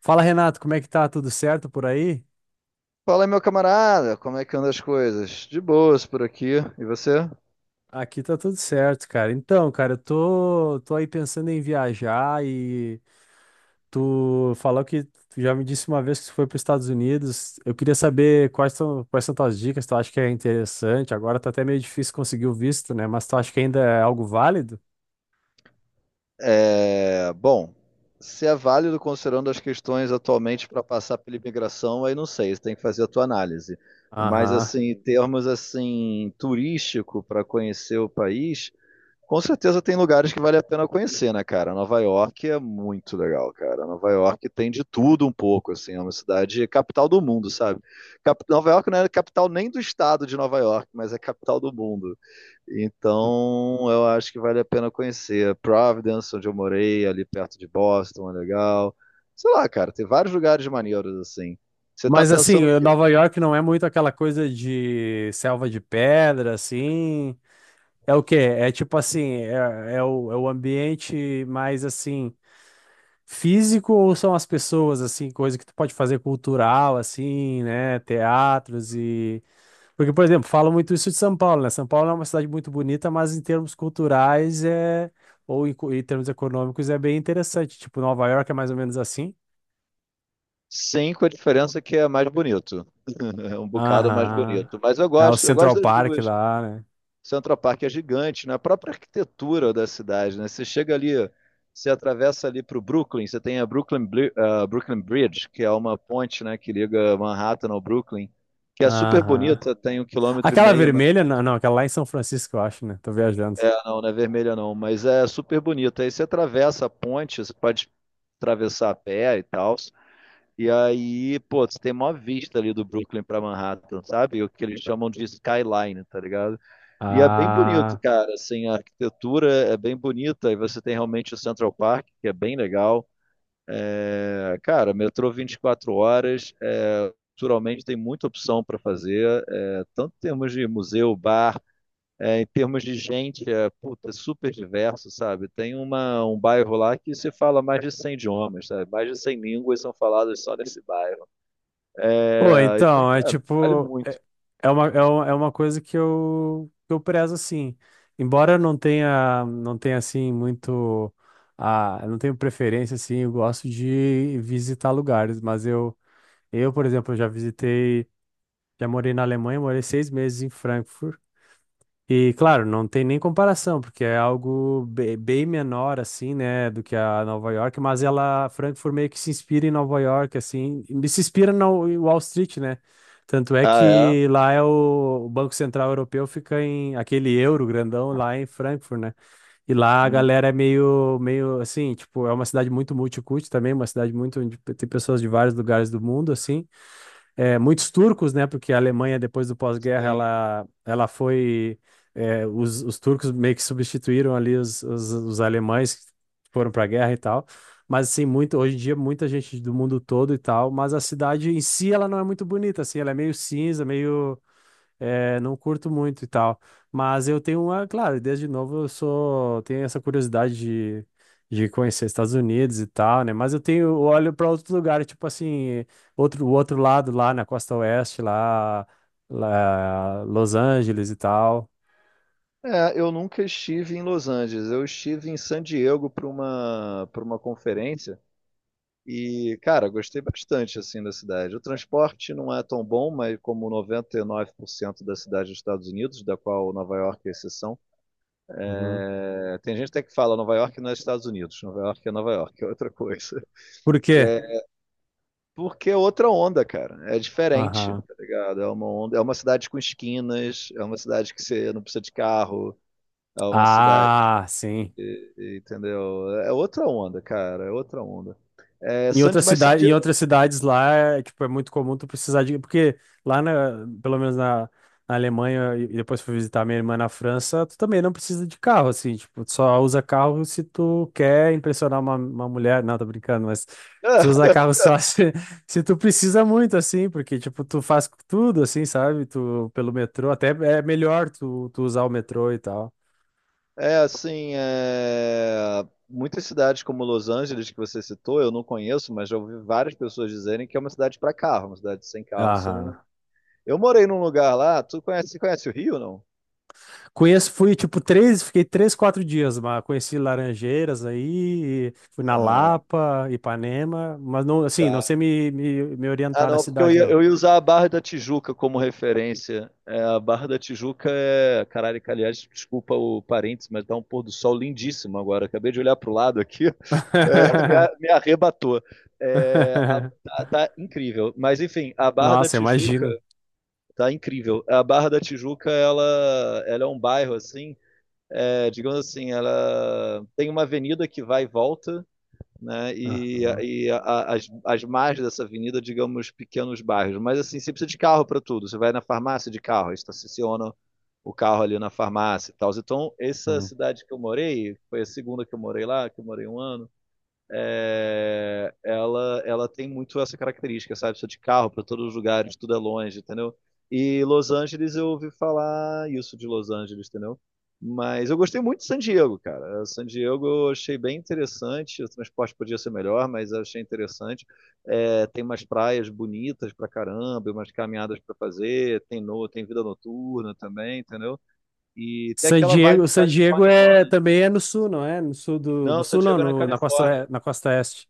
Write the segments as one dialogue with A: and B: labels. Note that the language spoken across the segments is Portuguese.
A: Fala, Renato, como é que tá? Tudo certo por aí?
B: Fala, meu camarada, como é que andam as coisas? De boas por aqui. E você?
A: Aqui tá tudo certo, cara. Então, cara, eu tô aí pensando em viajar e tu falou que tu já me disse uma vez que tu foi para os Estados Unidos. Eu queria saber quais são tuas dicas, tu acha que é interessante? Agora tá até meio difícil conseguir o visto, né? Mas tu acha que ainda é algo válido?
B: É, bom, se é válido considerando as questões atualmente para passar pela imigração, aí não sei, você tem que fazer a tua análise. Mas
A: Aham.
B: assim, em termos assim turístico para conhecer o país, com certeza tem lugares que vale a pena conhecer, né, cara? Nova York é muito legal, cara. Nova York tem de tudo um pouco, assim, é uma cidade capital do mundo, sabe? Nova York não é capital nem do estado de Nova York, mas é capital do mundo. Então, eu acho que vale a pena conhecer. Providence, onde eu morei, ali perto de Boston, é legal. Sei lá, cara, tem vários lugares maneiros, assim. Você tá
A: Mas assim,
B: pensando o quê?
A: Nova York não é muito aquela coisa de selva de pedra, assim. É o quê? É tipo assim, é o ambiente mais assim, físico ou são as pessoas, assim, coisa que tu pode fazer cultural, assim, né? Teatros e. Porque, por exemplo, falam muito isso de São Paulo, né? São Paulo é uma cidade muito bonita, mas em termos culturais é. Ou em, em termos econômicos é bem interessante. Tipo, Nova York é mais ou menos assim.
B: Sim, com a diferença que é mais bonito. É um bocado mais
A: Aham.
B: bonito. Mas eu
A: É o
B: gosto, eu
A: Central
B: gosto das
A: Park
B: duas.
A: lá, né?
B: Central Park é gigante, na própria arquitetura da cidade, né? Você chega ali, você atravessa ali para o Brooklyn, você tem a Brooklyn Bridge, que é uma ponte, né, que liga Manhattan ao Brooklyn, que é super
A: Aham.
B: bonita, tem um quilômetro e
A: Aquela
B: meio, mas
A: vermelha, não, não, aquela lá é em São Francisco, eu acho, né? Tô viajando.
B: ah, não, não é vermelha não, mas é super bonita. Aí você atravessa a ponte, você pode atravessar a pé e tal. E aí, pô, você tem mó vista ali do Brooklyn pra Manhattan, sabe? O que eles chamam de skyline, tá ligado? E é bem bonito,
A: Ah.
B: cara. Assim, a arquitetura é bem bonita. E você tem realmente o Central Park, que é bem legal. É, cara, metrô 24 horas. É, culturalmente tem muita opção para fazer, é, tanto em termos de museu, bar, é, em termos de gente, é, puta, é super diverso, sabe? Tem um bairro lá que se fala mais de 100 idiomas, sabe? Mais de 100 línguas são faladas só nesse bairro.
A: Pô,
B: É, então,
A: então, é
B: cara, vale
A: tipo,
B: muito.
A: é, é uma coisa que eu prezo, assim. Embora eu não tenha, assim, muito, a, eu não tenho preferência, assim, eu gosto de visitar lugares, mas eu, por exemplo, já visitei, já morei na Alemanha, morei 6 meses em Frankfurt, e claro, não tem nem comparação, porque é algo bem menor assim, né, do que a Nova York, mas ela, Frankfurt meio que se inspira em Nova York assim, e se inspira na Wall Street, né? Tanto é
B: Ah,
A: que lá é o Banco Central Europeu fica em aquele euro grandão lá em Frankfurt, né? E lá
B: é?
A: a
B: Hum.
A: galera é meio assim, tipo, é uma cidade muito multicultural também, uma cidade muito onde tem pessoas de vários lugares do mundo assim, é, muitos turcos, né? Porque a Alemanha, depois do pós-guerra,
B: Sim.
A: ela foi. É, os turcos meio que substituíram ali os alemães que foram para a guerra e tal. Mas, assim, muito, hoje em dia, muita gente do mundo todo e tal. Mas a cidade em si, ela não é muito bonita, assim. Ela é meio cinza, meio. É, não curto muito e tal. Mas eu tenho uma, claro, desde novo eu sou, tenho essa curiosidade de conhecer Estados Unidos e tal, né? Mas eu tenho, eu olho para outro lugar, tipo assim, outro, o outro lado lá na costa oeste, lá, lá Los Angeles e tal.
B: É, eu nunca estive em Los Angeles. Eu estive em San Diego para uma conferência e, cara, gostei bastante assim da cidade. O transporte não é tão bom, mas como 99% da cidade dos Estados Unidos, da qual Nova York é exceção,
A: Uhum.
B: é, tem gente até que fala Nova York não é Estados Unidos, Nova York, é outra coisa.
A: Por quê?
B: É, porque é outra onda, cara. É diferente,
A: Aham.
B: tá ligado? É uma onda, é uma cidade com esquinas, é uma cidade que você não precisa de carro, é uma cidade,
A: Ah, sim.
B: entendeu? É outra onda, cara, é outra onda. É
A: Em
B: San,
A: outras
B: mas San
A: cidades, em
B: Diego
A: outras cidades lá, tipo, é muito comum tu precisar de, porque lá na, pelo menos na, na Alemanha e depois fui visitar minha irmã na França, tu também não precisa de carro, assim, tipo, tu só usa carro se tu quer impressionar uma mulher, não, tô brincando, mas tu usa carro só se tu precisa muito, assim, porque, tipo, tu faz tudo, assim, sabe, tu, pelo metrô, até é melhor tu usar o metrô e tal.
B: é, assim, é, muitas cidades como Los Angeles que você citou, eu não conheço, mas já ouvi várias pessoas dizerem que é uma cidade para carro, uma cidade sem carro, você
A: Aham.
B: não. Eu morei num lugar lá, tu conhece o Rio, não?
A: Conheço, fui tipo três, fiquei três, quatro dias, mas conheci Laranjeiras aí, fui na
B: Aham.
A: Lapa, Ipanema, mas não, assim, não sei
B: Tá.
A: me
B: Ah,
A: orientar na
B: não, porque eu
A: cidade,
B: ia,
A: não.
B: eu ia usar a Barra da Tijuca como referência. É, a Barra da Tijuca é. Caralho, que, aliás, desculpa o parênteses, mas tá um pôr do sol lindíssimo agora. Acabei de olhar pro lado aqui, é, me, a- me arrebatou. É, tá incrível. Mas, enfim, a Barra da
A: Nossa,
B: Tijuca
A: imagino.
B: tá incrível. A Barra da Tijuca, ela é um bairro, assim, é, digamos assim, ela tem uma avenida que vai e volta, né? E,
A: Aham.
B: e as margens dessa avenida, digamos, pequenos bairros. Mas assim, você precisa de carro para tudo. Você vai na farmácia de carro, estaciona o carro ali na farmácia e tal. Então, essa
A: Hum.
B: cidade que eu morei, foi a segunda que eu morei lá, que eu morei um ano. É, ela tem muito essa característica, sabe? Precisa de carro para todos os lugares, tudo é longe, entendeu? E Los Angeles, eu ouvi falar isso de Los Angeles, entendeu? Mas eu gostei muito de San Diego, cara. San Diego eu achei bem interessante. O transporte podia ser melhor, mas eu achei interessante. É, tem umas praias bonitas pra caramba, umas caminhadas pra fazer. Tem, no, tem vida noturna também, entendeu? E tem
A: San
B: aquela vibe
A: Diego, San Diego é
B: californiana.
A: também é no sul, não é? No sul do, do
B: Não, San
A: sul, não,
B: Diego é na
A: no- na costa,
B: Califórnia,
A: na costa oeste.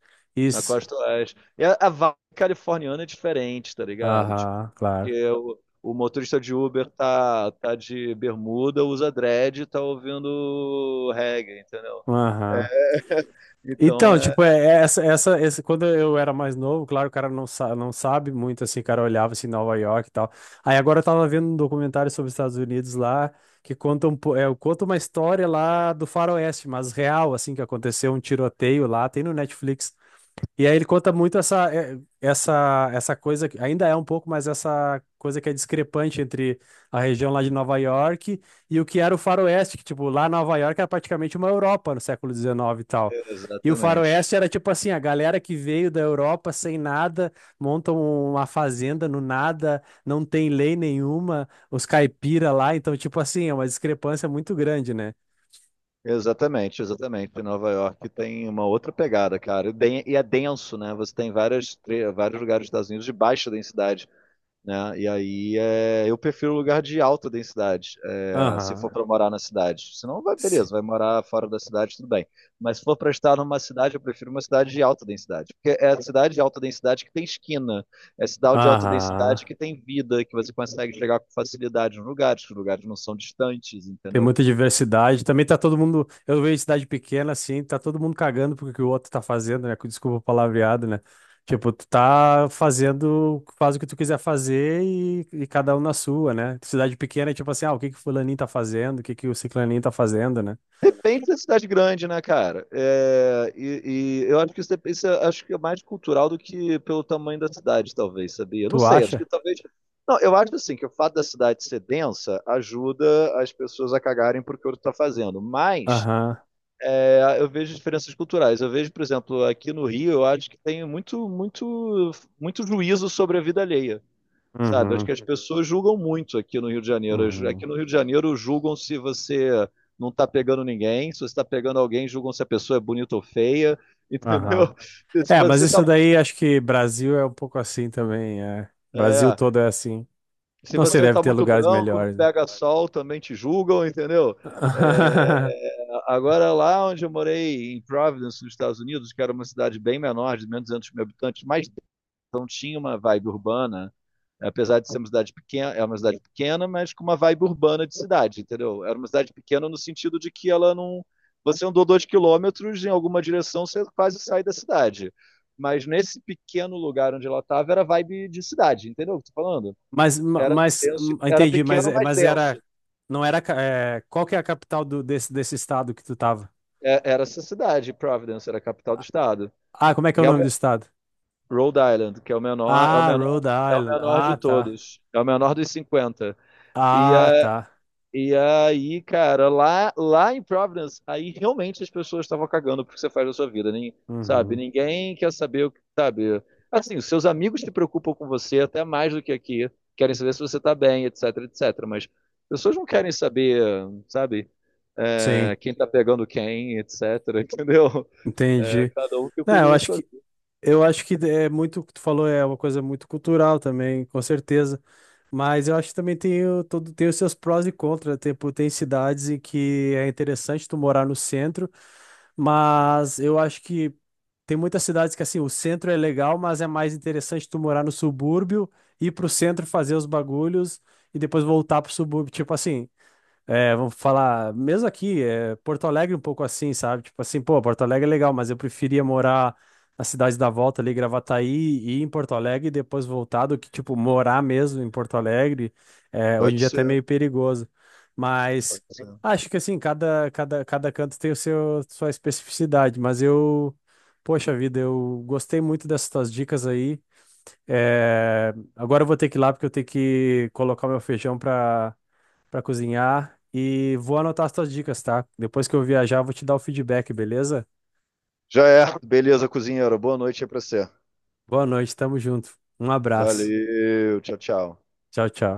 B: na
A: Isso.
B: costa oeste. E a vibe californiana é diferente, tá ligado? Tipo,
A: Aham, claro.
B: porque o motorista de Uber tá de bermuda, usa dread e tá ouvindo reggae, entendeu? É,
A: Aham.
B: então
A: Então,
B: é.
A: tipo, é, quando eu era mais novo, claro, o cara não, sa não sabe muito, assim, o cara olhava, assim, Nova York e tal. Aí agora eu tava vendo um documentário sobre os Estados Unidos lá, que conta, um, conta uma história lá do Faroeste, mas real, assim, que aconteceu um tiroteio lá, tem no Netflix. E aí ele conta muito essa, essa coisa, ainda é um pouco, mas essa coisa que é discrepante entre a região lá de Nova York e o que era o Faroeste, que, tipo, lá Nova York era praticamente uma Europa no século XIX e tal. E o
B: Exatamente.
A: Faroeste era, tipo assim, a galera que veio da Europa sem nada, montam uma fazenda no nada, não tem lei nenhuma, os caipira lá, então, tipo assim, é uma discrepância muito grande, né?
B: Exatamente, exatamente. Nova York tem uma outra pegada, cara. E é denso, né? Você tem vários lugares dos Estados Unidos de baixa densidade, né? E aí é, eu prefiro lugar de alta densidade, é, se
A: Aham.
B: for para morar na cidade. Senão, vai, beleza, vai morar fora da cidade, tudo bem. Mas se for para estar numa cidade, eu prefiro uma cidade de alta densidade. Porque é a cidade de alta densidade que tem esquina, é a cidade de alta
A: Aham.
B: densidade que tem vida, que você consegue chegar com facilidade nos lugares, que os lugares não são distantes,
A: Tem
B: entendeu?
A: muita diversidade. Também tá todo mundo. Eu vejo cidade pequena assim, tá todo mundo cagando porque que o outro tá fazendo, né? Com desculpa o palavreado, né? Tipo, tu tá fazendo, faz o que tu quiser fazer e cada um na sua, né? Cidade pequena é tipo assim, ah, o que que o fulaninho tá fazendo? O que que o ciclaninho tá fazendo, né?
B: Tem que ser cidade grande, né, cara? É, e eu acho que isso, isso é, acho que é mais cultural do que pelo tamanho da cidade, talvez, sabia? Eu não
A: Tu
B: sei, acho que
A: acha?
B: talvez. Não, eu acho assim que o fato da cidade ser densa ajuda as pessoas a cagarem pro que o outro tá fazendo. Mas
A: Aham.
B: é, eu vejo diferenças culturais. Eu vejo, por exemplo, aqui no Rio, eu acho que tem muito, muito, muito juízo sobre a vida alheia. Sabe, acho que
A: Uhum.
B: as pessoas julgam muito aqui no Rio de Janeiro. Aqui
A: Uhum.
B: no Rio de Janeiro julgam se você não está pegando ninguém, se você está pegando alguém, julgam se a pessoa é bonita ou feia,
A: Aham.
B: entendeu? Se
A: É, mas
B: você está
A: isso daí acho que Brasil é um pouco assim também, é. Brasil
B: é,
A: todo é assim.
B: se
A: Não sei,
B: você
A: deve
B: tá
A: ter
B: muito
A: lugares
B: branco, não
A: melhores.
B: pega sol, também te julgam, entendeu? É, agora lá onde eu morei em Providence, nos Estados Unidos, que era uma cidade bem menor, de menos de 200 mil habitantes, mais então tinha uma vibe urbana, apesar de ser uma cidade pequena, é uma cidade pequena, mas com uma vibe urbana de cidade, entendeu? Era uma cidade pequena no sentido de que ela não. Você andou 2 km em alguma direção, você quase sai da cidade. Mas nesse pequeno lugar onde ela estava, era vibe de cidade, entendeu o que eu tô falando?
A: Mas,
B: Era
A: mas,
B: denso, era
A: entendi, mas,
B: pequeno, mas
A: mas
B: denso.
A: era, não era, qual que é a capital do, desse estado que tu tava?
B: Era essa cidade, Providence, era a capital do estado.
A: Ah, como é que é
B: E
A: o
B: é o
A: nome
B: me-
A: do estado?
B: Rhode Island, que é o menor, é o
A: Ah,
B: menor,
A: Rhode
B: é o
A: Island.
B: menor
A: Ah,
B: de
A: tá.
B: todos. É o menor dos 50. E,
A: Ah,
B: é,
A: tá.
B: E aí, cara, lá em Providence, aí realmente as pessoas estavam cagando pro que você faz da sua vida, nem, sabe?
A: Uhum.
B: Ninguém quer saber o que, sabe? Assim, os seus amigos se preocupam com você até mais do que aqui, querem saber se você tá bem, etc., etc. Mas pessoas não querem saber, sabe?
A: Sim,
B: É, quem tá pegando quem, etc., entendeu? É,
A: entendi.
B: cada um que
A: Não,
B: cuida da sua.
A: eu acho que é muito, o que tu falou é uma coisa muito cultural também, com certeza. Mas eu acho que também tem, tem os seus prós e contras. Tem, pô, tem cidades em que é interessante tu morar no centro. Mas eu acho que tem muitas cidades que assim, o centro é legal, mas é mais interessante tu morar no subúrbio, ir pro centro fazer os bagulhos e depois voltar pro subúrbio. Tipo assim, é, vamos falar, mesmo aqui, é, Porto Alegre um pouco assim, sabe? Tipo assim, pô, Porto Alegre é legal, mas eu preferia morar na cidade da volta ali, Gravataí, e ir em Porto Alegre e depois voltar do que, tipo, morar mesmo em Porto Alegre. É, hoje em
B: Pode
A: dia é até
B: ser,
A: meio perigoso. Mas
B: pode ser.
A: acho que assim, cada canto tem o seu, sua especificidade, mas eu, poxa vida, eu gostei muito dessas tuas dicas aí. É, agora eu vou ter que ir lá porque eu tenho que colocar o meu feijão para cozinhar e vou anotar as tuas dicas, tá? Depois que eu viajar, eu vou te dar o feedback, beleza?
B: Já é. Beleza, cozinheiro. Boa noite aí pra você.
A: Boa noite, tamo junto. Um abraço.
B: Valeu, tchau, tchau.
A: Tchau, tchau.